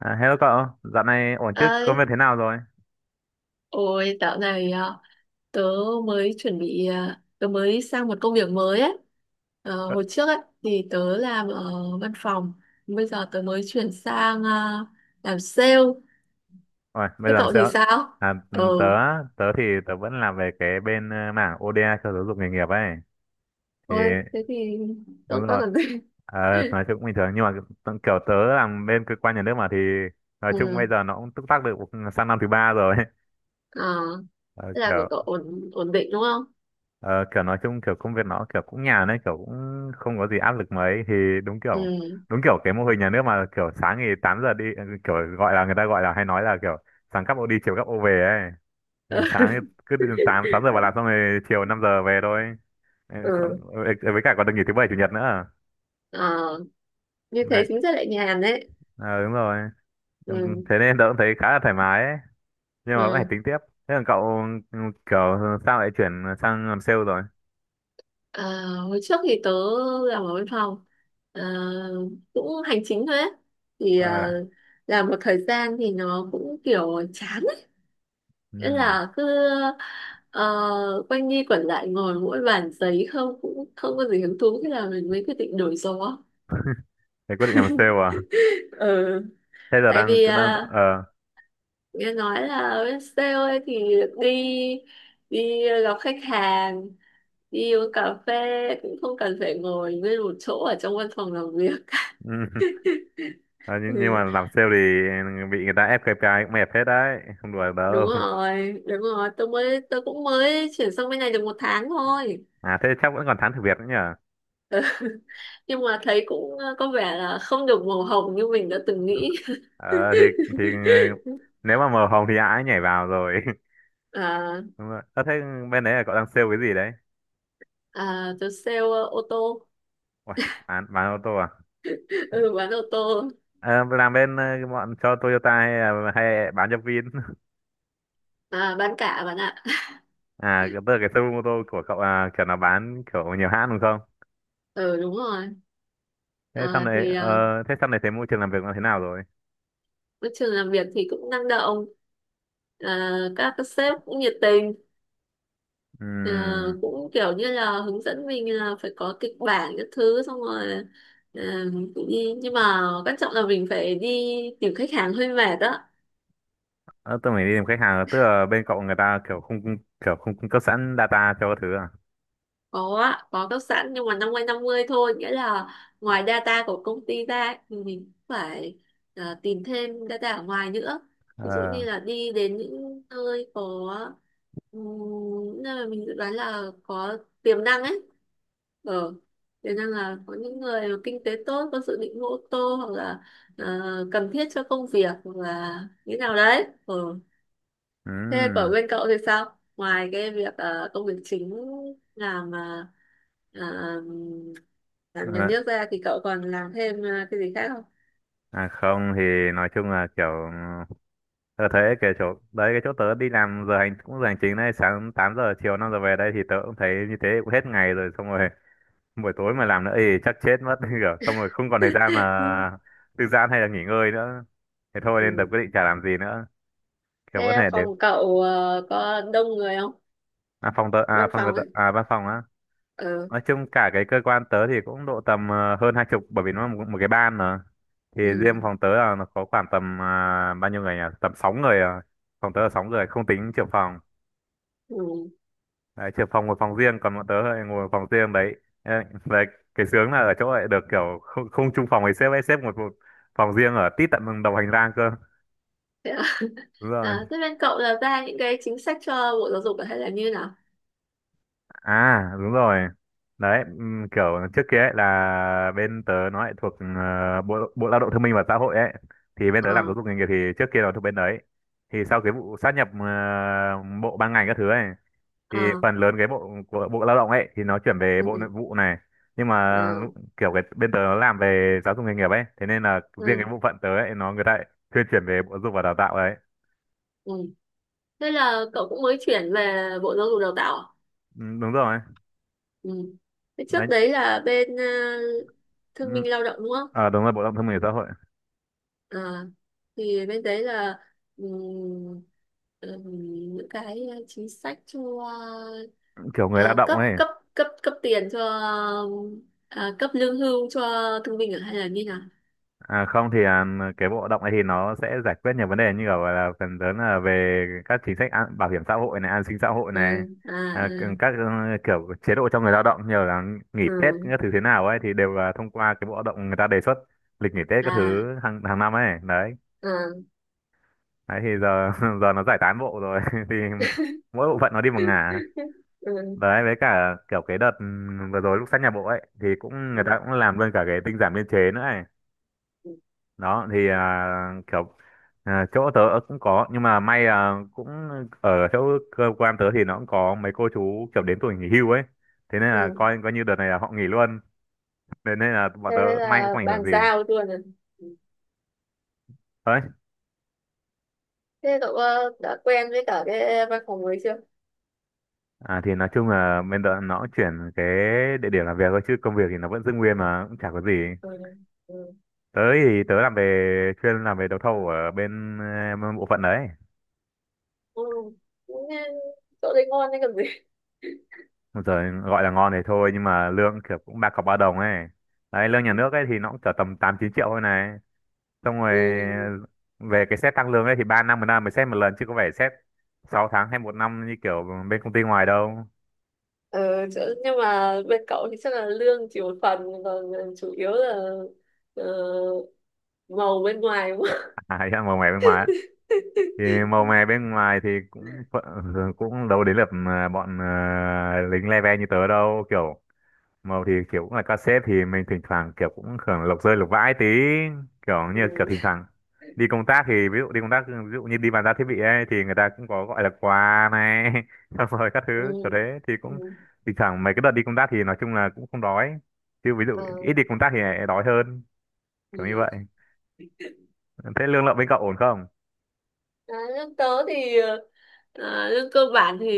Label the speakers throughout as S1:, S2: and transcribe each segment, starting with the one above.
S1: À, hello cậu, dạo này ổn chứ? Công
S2: Ơi.
S1: việc thế nào rồi?
S2: Ôi, dạo này tớ mới chuẩn bị à, tớ mới sang một công việc mới ấy. Ờ,
S1: Ờ,
S2: hồi trước ấy thì tớ làm ở văn phòng. Bây giờ tớ mới chuyển sang làm sale.
S1: ôi, bây
S2: Thế
S1: giờ làm
S2: cậu thì
S1: sao?
S2: sao?
S1: À,
S2: ờ
S1: ừm, tớ, tớ thì tớ vẫn làm về cái bên mảng ODA cho giáo dục nghề nghiệp ấy. Thì
S2: Thôi thế thì
S1: đúng
S2: tốt tốt
S1: rồi.
S2: còn gì.
S1: Ờ, nói chung cũng bình thường nhưng mà kiểu tớ làm bên cơ quan nhà nước mà thì nói chung bây
S2: Ừ,
S1: giờ nó cũng túc tắc được sang năm thứ ba rồi.
S2: ờ,
S1: Ờ,
S2: thế là của
S1: kiểu
S2: cậu ổn ổn định đúng không?
S1: ờ, kiểu nói chung kiểu công việc nó kiểu cũng nhàn đấy, kiểu cũng không có gì áp lực mấy. Thì đúng kiểu,
S2: Ừ.
S1: đúng kiểu cái mô hình nhà nước mà, kiểu sáng thì 8 giờ đi, kiểu gọi là, người ta gọi là hay nói là kiểu sáng cắp ô đi chiều cắp ô về ấy. Thì sáng thì cứ từ 8 6 giờ vào làm, xong rồi chiều 5 giờ về thôi. Ừ,
S2: Ừ,
S1: không, ừ, ừ, với cả còn được nghỉ thứ bảy chủ nhật nữa.
S2: ờ, như thế
S1: Đấy,
S2: chính ra lại nhàn đấy.
S1: ờ, đúng rồi. Ừ,
S2: Ừ.
S1: thế nên tớ cũng thấy khá là thoải mái ấy, nhưng mà vẫn phải
S2: Ừ.
S1: tính tiếp. Thế còn cậu, ừ, kiểu sao lại chuyển sang làm sale rồi?
S2: Ờ, hồi trước thì tớ làm ở văn phòng. Ờ, cũng hành chính thôi ấy. Thì
S1: Ờ,
S2: làm một thời gian thì nó cũng kiểu chán ấy.
S1: ừ.
S2: Nghĩa là cứ ờ, quanh đi quẩn lại ngồi mỗi bàn giấy không, cũng không có gì hứng thú, thế là mình mới quyết định đổi gió.
S1: Thế quyết định làm sale à?
S2: Ừ.
S1: Thế giờ
S2: Tại
S1: đang
S2: vì
S1: đang ờ,
S2: nghe nói là bên sale ấy thì đi, đi gặp khách hàng, đi uống cà phê, cũng không cần phải ngồi nguyên một chỗ ở trong văn phòng làm việc.
S1: ừ. Ờ, nhưng mà
S2: Ừ.
S1: làm sale thì bị người ta ép KPI cũng mệt hết đấy, không đùa
S2: Đúng
S1: đâu.
S2: rồi, đúng rồi, tôi cũng mới chuyển sang bên này được một tháng thôi,
S1: À thế chắc vẫn còn thắng thử việc nữa nhở.
S2: nhưng mà thấy cũng có vẻ là không được màu hồng như mình đã từng nghĩ.
S1: Ờ thì nếu mà màu hồng thì ai ấy nhảy vào rồi.
S2: À,
S1: Đúng rồi, ờ, thế bên đấy là cậu đang sale cái gì đấy?
S2: à, tôi sale ô tô.
S1: Uầy, bán ô tô à?
S2: Ừ, bán ô tô
S1: Ờ, làm bên ờ, bọn cho Toyota hay là hay bán cho Vin?
S2: à. Bán cả bạn ạ.
S1: À tức là cái showroom ô tô của cậu là kiểu là bán kiểu nhiều hãng đúng không?
S2: Ừ, đúng rồi.
S1: Thế sau
S2: À,
S1: này
S2: thì
S1: ờ, thế sau này thấy môi trường làm việc nó thế nào rồi?
S2: môi trường làm việc thì cũng năng động, à, các sếp cũng nhiệt tình. Ờ,
S1: Ừm,
S2: cũng kiểu như là hướng dẫn mình là phải có kịch bản các thứ, xong rồi ờ, cũng đi, nhưng mà quan trọng là mình phải đi tìm khách hàng, hơi mệt đó.
S1: Ờ, tôi mới đi tìm khách hàng à? Tức là bên cậu người ta kiểu không, kiểu không cung cấp sẵn data cho các thứ à?
S2: Có á, có cấp sẵn, nhưng mà 50-50 thôi, nghĩa là ngoài data của công ty ra thì mình cũng phải tìm thêm data ở ngoài nữa. Ví dụ
S1: Ờ,
S2: như là đi đến những nơi có ừm, những nơi mà mình dự đoán là có tiềm năng ấy. Ờ, tiềm năng là có những người mà kinh tế tốt, có dự định mua ô tô hoặc là ờ, cần thiết cho công việc, hoặc là như nào đấy ờ. Thế của
S1: ừm,
S2: bên cậu thì sao? Ngoài cái việc công việc chính, làm ờ, làm nhà
S1: ờ,
S2: nước ra thì cậu còn làm thêm cái gì khác không?
S1: à không thì nói chung là kiểu tôi thấy cái chỗ đấy, cái chỗ tớ đi làm giờ hành cũng giờ hành chính đấy, sáng 8 giờ chiều 5 giờ về đây, thì tớ cũng thấy như thế cũng hết ngày rồi xong rồi. Buổi tối mà làm nữa thì chắc chết mất, kiểu xong rồi không còn thời gian là thư giãn hay là nghỉ ngơi nữa. Thế thôi nên tớ
S2: Ừ.
S1: quyết định chả làm gì nữa. Kiểu có
S2: Thế
S1: thể đến,
S2: phòng cậu có đông người không?
S1: à, phòng tớ à,
S2: Văn
S1: phòng
S2: phòng
S1: tớ
S2: ấy.
S1: à, văn phòng á.
S2: Ừ.
S1: Nói chung cả cái cơ quan tớ thì cũng độ tầm ờ, hơn 20 bởi vì nó là một cái ban mà. Thì
S2: Ừ.
S1: riêng phòng tớ là nó có khoảng tầm à, bao nhiêu người nhỉ, tầm sáu người à. Phòng tớ là sáu người không tính trưởng phòng.
S2: Ừ.
S1: Đấy, trưởng phòng ngồi phòng riêng còn bọn tớ lại ngồi phòng riêng đấy. Ê, đấy, cái sướng là ở chỗ lại được kiểu không chung phòng với sếp ấy, sếp ngồi một phòng riêng ở tít tận đồng hành lang cơ.
S2: Thế, à?
S1: Đúng rồi.
S2: À, thế bên cậu là ra những cái chính sách cho Bộ Giáo dục hay là như nào?
S1: À đúng rồi. Đấy, kiểu trước kia ấy là bên tớ nó lại thuộc ờ, Bộ Bộ Lao động Thương binh và Xã hội ấy. Thì bên tớ làm
S2: Ờ.
S1: giáo dục nghề nghiệp thì trước kia nó thuộc bên đấy. Thì sau cái vụ sát nhập bộ ban ngành các thứ ấy thì
S2: Ờ.
S1: phần lớn cái bộ của Bộ Lao động ấy thì nó chuyển về
S2: Ừ.
S1: Bộ Nội
S2: Ừ.
S1: vụ này. Nhưng mà
S2: Ờ.
S1: kiểu cái bên tớ nó làm về giáo dục nghề nghiệp ấy, thế nên là riêng
S2: Ừ.
S1: cái bộ phận tớ ấy nó người ta lại thuyên chuyển về Bộ Giáo dục và Đào tạo đấy.
S2: Ừ. Thế là cậu cũng mới chuyển về Bộ Giáo dục Đào tạo à?
S1: Ừ, đúng rồi.
S2: Ừ. Thế
S1: Đấy.
S2: trước đấy là bên
S1: Ừ,
S2: thương binh lao động đúng không?
S1: ờ đúng rồi, Bộ Lao động Thương binh và Xã hội.
S2: À, thì bên đấy là ừm, những cái chính sách cho
S1: Kiểu người lao động
S2: cấp
S1: ấy.
S2: cấp cấp cấp tiền cho, à, cấp lương hưu cho thương binh ở, hay là như nào?
S1: À không thì à, cái bộ động này thì nó sẽ giải quyết nhiều vấn đề như kiểu là phần lớn là về các chính sách bảo hiểm xã hội này, an sinh xã hội này,
S2: Ừ, à,
S1: à,
S2: ừ,
S1: các kiểu chế độ cho người lao động như là nghỉ Tết
S2: ừ,
S1: các thứ thế nào ấy thì đều là thông qua cái bộ động người ta đề xuất lịch nghỉ Tết các
S2: à,
S1: thứ hàng hàng năm ấy đấy.
S2: ừ.
S1: Đấy thì giờ giờ nó giải tán bộ rồi thì mỗi bộ phận nó đi một ngả.
S2: Ừ.
S1: Đấy với cả kiểu cái đợt vừa rồi lúc sát nhà bộ ấy thì cũng
S2: Ừ.
S1: người ta cũng làm luôn cả cái tinh giản biên chế nữa ấy. Đó thì à, kiểu à, chỗ tớ cũng có nhưng mà may là cũng ở chỗ cơ quan tớ thì nó cũng có mấy cô chú kiểu đến tuổi nghỉ hưu ấy, thế nên là
S2: Ừ.
S1: coi coi như đợt này là họ nghỉ luôn, thế nên là bọn
S2: Thế
S1: tớ may cũng
S2: là
S1: không ảnh hưởng
S2: bàn
S1: gì.
S2: giao luôn à?
S1: Đấy,
S2: Thế cậu đã quen với cả cái văn phòng mới chưa?
S1: à, thì nói chung là bên tớ nó cũng chuyển cái địa điểm làm việc thôi chứ công việc thì nó vẫn giữ nguyên mà cũng chả có gì.
S2: Ừ. Ừ.
S1: Tớ thì tớ làm về chuyên làm về đấu thầu ở bên ờ, bộ phận đấy.
S2: Ừ. Cũng, ờ, chỗ đấy ngon đấy còn gì.
S1: Rồi gọi là ngon thì thôi nhưng mà lương kiểu cũng ba cọc ba đồng ấy. Đấy lương nhà nước ấy thì nó cũng chở tầm 8-9 triệu thôi này, xong rồi
S2: Ừ.
S1: về cái xét tăng lương ấy thì ba năm một năm mới xét một lần chứ có phải xét 6 tháng hay một năm như kiểu bên công ty ngoài đâu.
S2: Nhưng mà bên cậu thì chắc là lương chỉ một phần, còn chủ yếu là ờ, màu bên ngoài đúng không?
S1: À, màu mè bên ngoài á. Thì màu mè bên ngoài thì cũng cũng đâu đến lượt mà bọn ờ, lính le ve như tớ đâu. Kiểu màu thì kiểu cũng là cassette thì mình thỉnh thoảng kiểu cũng hưởng lộc rơi lộc vãi tí, kiểu như
S2: Ừ.
S1: kiểu thỉnh thoảng đi công tác thì ví dụ đi công tác ví dụ như đi bàn giao thiết bị ấy thì người ta cũng có gọi là quà này xong rồi các thứ
S2: Ừ.
S1: kiểu thế thì
S2: Ừ.
S1: cũng thỉnh thoảng mấy cái đợt đi công tác thì nói chung là cũng không đói, chứ ví dụ
S2: Ờ,
S1: ít đi công tác thì lại đói hơn, kiểu như
S2: ừ.
S1: vậy. Thế lương lậu bên cậu ổn không?
S2: À, lương tớ thì lương cơ bản thì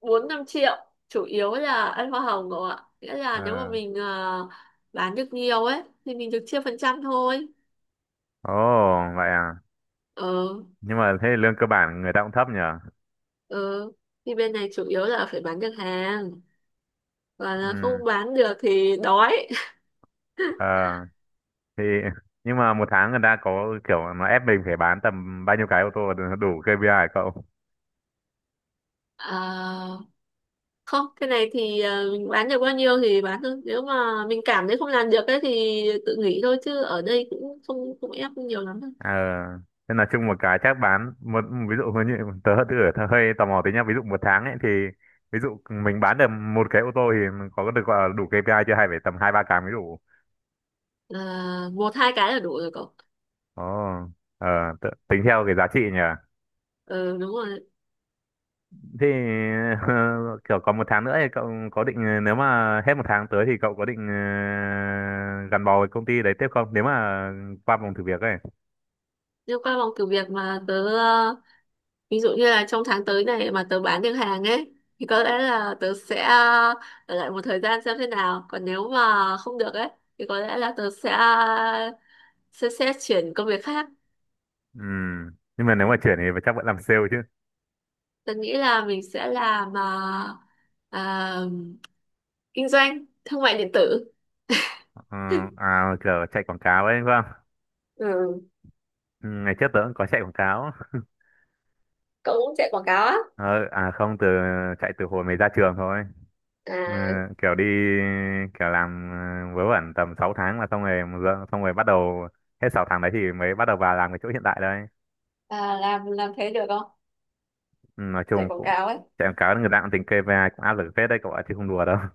S2: 4-5 triệu, chủ yếu là ăn hoa hồng cậu ạ, nghĩa
S1: Ờ,
S2: là nếu mà mình bán được nhiều ấy thì mình được chia phần trăm thôi.
S1: ồ vậy à,
S2: Ờ.
S1: nhưng mà thế lương cơ bản người ta cũng thấp nhỉ.
S2: Ờ, thì bên này chủ yếu là phải bán được hàng, và là
S1: Ừ,
S2: không bán được thì đói.
S1: ờ thì nhưng mà một tháng người ta có kiểu nó ép mình phải bán tầm bao nhiêu cái ô tô để nó đủ KPI hả cậu?
S2: Ờ, không, cái này thì mình bán được bao nhiêu thì bán thôi, nếu mà mình cảm thấy không làm được ấy thì tự nghỉ thôi, chứ ở đây cũng không không ép nhiều lắm đâu.
S1: Ờ nên là chung một cái chắc bán một, ví dụ như tớ tớ hơi tò mò tí nhá, ví dụ một tháng ấy thì ví dụ mình bán được một cái ô tô thì mình có được gọi là đủ KPI chưa hay phải tầm hai ba cái mới đủ?
S2: Ờ, một hai cái là đủ rồi cậu.
S1: Ồ, ờ, tính theo cái giá trị nhỉ.
S2: Ừ, đúng rồi.
S1: Thì kiểu còn một tháng nữa thì cậu có định, nếu mà hết một tháng tới thì cậu có định ờ, gắn bó với công ty đấy tiếp không, nếu mà qua vòng thử việc ấy.
S2: Liên qua vòng thử việc mà tớ ví dụ như là trong tháng tới này mà tớ bán được hàng ấy thì có lẽ là tớ sẽ ở lại một thời gian xem thế nào. Còn nếu mà không được ấy thì có lẽ là tớ sẽ sẽ chuyển công việc khác.
S1: Ừ. Nhưng mà nếu mà chuyển thì chắc vẫn làm sale chứ.
S2: Tớ nghĩ là mình sẽ làm à, kinh doanh thương mại điện tử.
S1: Ờ, à, kiểu chạy quảng cáo ấy đúng không?
S2: Ừ.
S1: Ừ, ngày trước tớ cũng có chạy quảng cáo.
S2: Cậu cũng chạy quảng cáo á?
S1: Ờ, à không, từ chạy từ hồi mới ra trường thôi. Ừ,
S2: À,
S1: kiểu đi, kiểu làm ờ, vớ vẩn tầm 6 tháng là xong rồi xong rồi bắt đầu hết sáu tháng đấy thì mới bắt đầu vào làm cái chỗ hiện tại đây.
S2: làm thế được không?
S1: Ừ, nói
S2: Chạy
S1: chung
S2: quảng
S1: cũng
S2: cáo ấy.
S1: chạy quảng cáo người ta cũng tính KPI cũng áp lực phết đấy cậu ạ chứ không đùa đâu.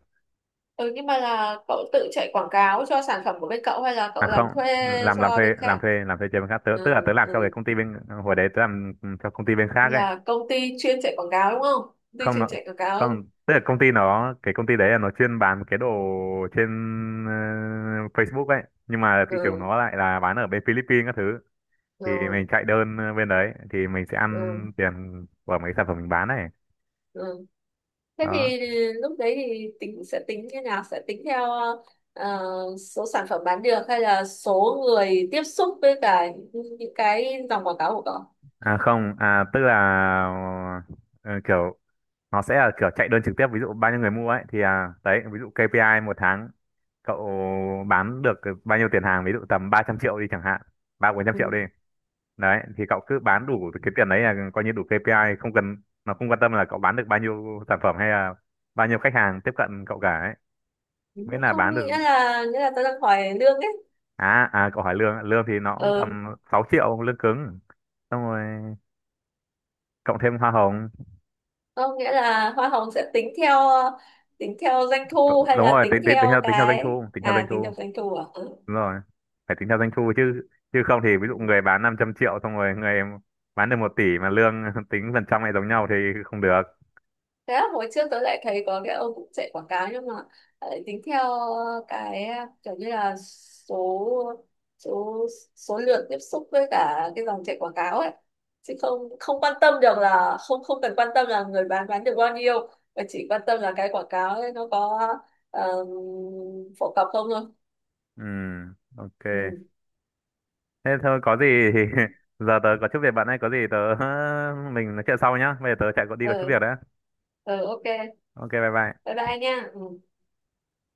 S2: Ừ, nhưng mà là cậu tự chạy quảng cáo cho sản phẩm của bên cậu hay là
S1: À
S2: cậu
S1: không,
S2: làm thuê
S1: làm
S2: cho
S1: thuê
S2: bên
S1: làm
S2: khác?
S1: thuê làm thuê cho bên khác, tớ tức
S2: Ừ.
S1: là tớ làm cho cái
S2: Ừ.
S1: công ty bên, hồi đấy tớ làm cho công ty bên khác ấy.
S2: Là công ty chuyên chạy quảng cáo đúng không? Công ty
S1: không
S2: chuyên
S1: nó
S2: chạy quảng cáo.
S1: không tức là công ty nó, cái công ty đấy là nó chuyên bán cái đồ trên ờ, Facebook ấy nhưng mà thị trường
S2: Ừ,
S1: nó lại là bán ở bên Philippines các thứ.
S2: ừ,
S1: Thì mình chạy đơn ờ, bên đấy thì mình sẽ ăn
S2: ừ,
S1: tiền của mấy sản phẩm mình bán này.
S2: ừ. Thế
S1: Đó,
S2: thì lúc đấy thì tính sẽ tính như nào? Sẽ tính theo ờ, số sản phẩm bán được hay là số người tiếp xúc với cả những cái dòng quảng cáo của cậu?
S1: à không à tức là ờ, kiểu nó sẽ là kiểu chạy đơn trực tiếp, ví dụ bao nhiêu người mua ấy thì à, đấy ví dụ KPI một tháng cậu bán được bao nhiêu tiền hàng, ví dụ tầm 300 triệu đi chẳng hạn, 3-400 triệu đi. Đấy thì cậu cứ bán đủ cái tiền đấy là coi như đủ KPI, không cần, nó không quan tâm là cậu bán được bao nhiêu sản phẩm hay là bao nhiêu khách hàng tiếp cận cậu cả ấy,
S2: Ừ.
S1: miễn là
S2: Không,
S1: bán được.
S2: nghĩa là nghĩa là tôi đang hỏi lương ấy.
S1: À à, cậu hỏi lương ạ. Lương thì nó cũng
S2: Ừ,
S1: tầm 6 triệu lương cứng, xong rồi cộng thêm hoa hồng.
S2: không, nghĩa là hoa hồng sẽ tính theo, tính theo doanh thu, hay
S1: Đúng
S2: là
S1: rồi,
S2: tính
S1: tính tính
S2: theo
S1: tính theo doanh
S2: cái
S1: thu, tính theo doanh
S2: à tính
S1: thu,
S2: theo doanh thu à?
S1: đúng rồi, phải tính theo doanh thu chứ, chứ không thì ví
S2: Ừ.
S1: dụ người bán 500 triệu xong rồi người bán được 1 tỷ mà lương tính phần trăm lại giống nhau thì không được.
S2: Thế là hồi trước tôi lại thấy có cái ông cũng chạy quảng cáo nhưng mà lại tính theo cái kiểu như là số số số lượng tiếp xúc với cả cái dòng chạy quảng cáo ấy, chứ không không quan tâm được, là không không cần quan tâm là người bán được bao nhiêu, mà chỉ quan tâm là cái quảng cáo ấy nó có um, phổ cập không thôi.
S1: Ừ, ok.
S2: Ừ.
S1: Thế thôi có gì thì giờ tớ có chút việc bạn ấy, có gì tớ mình nói chuyện sau nhá. Bây giờ tớ chạy có đi có chút
S2: Ừ.
S1: việc đấy.
S2: Ừ. Ok.
S1: Ok bye
S2: Bye
S1: bye.
S2: bye nha. Ừ.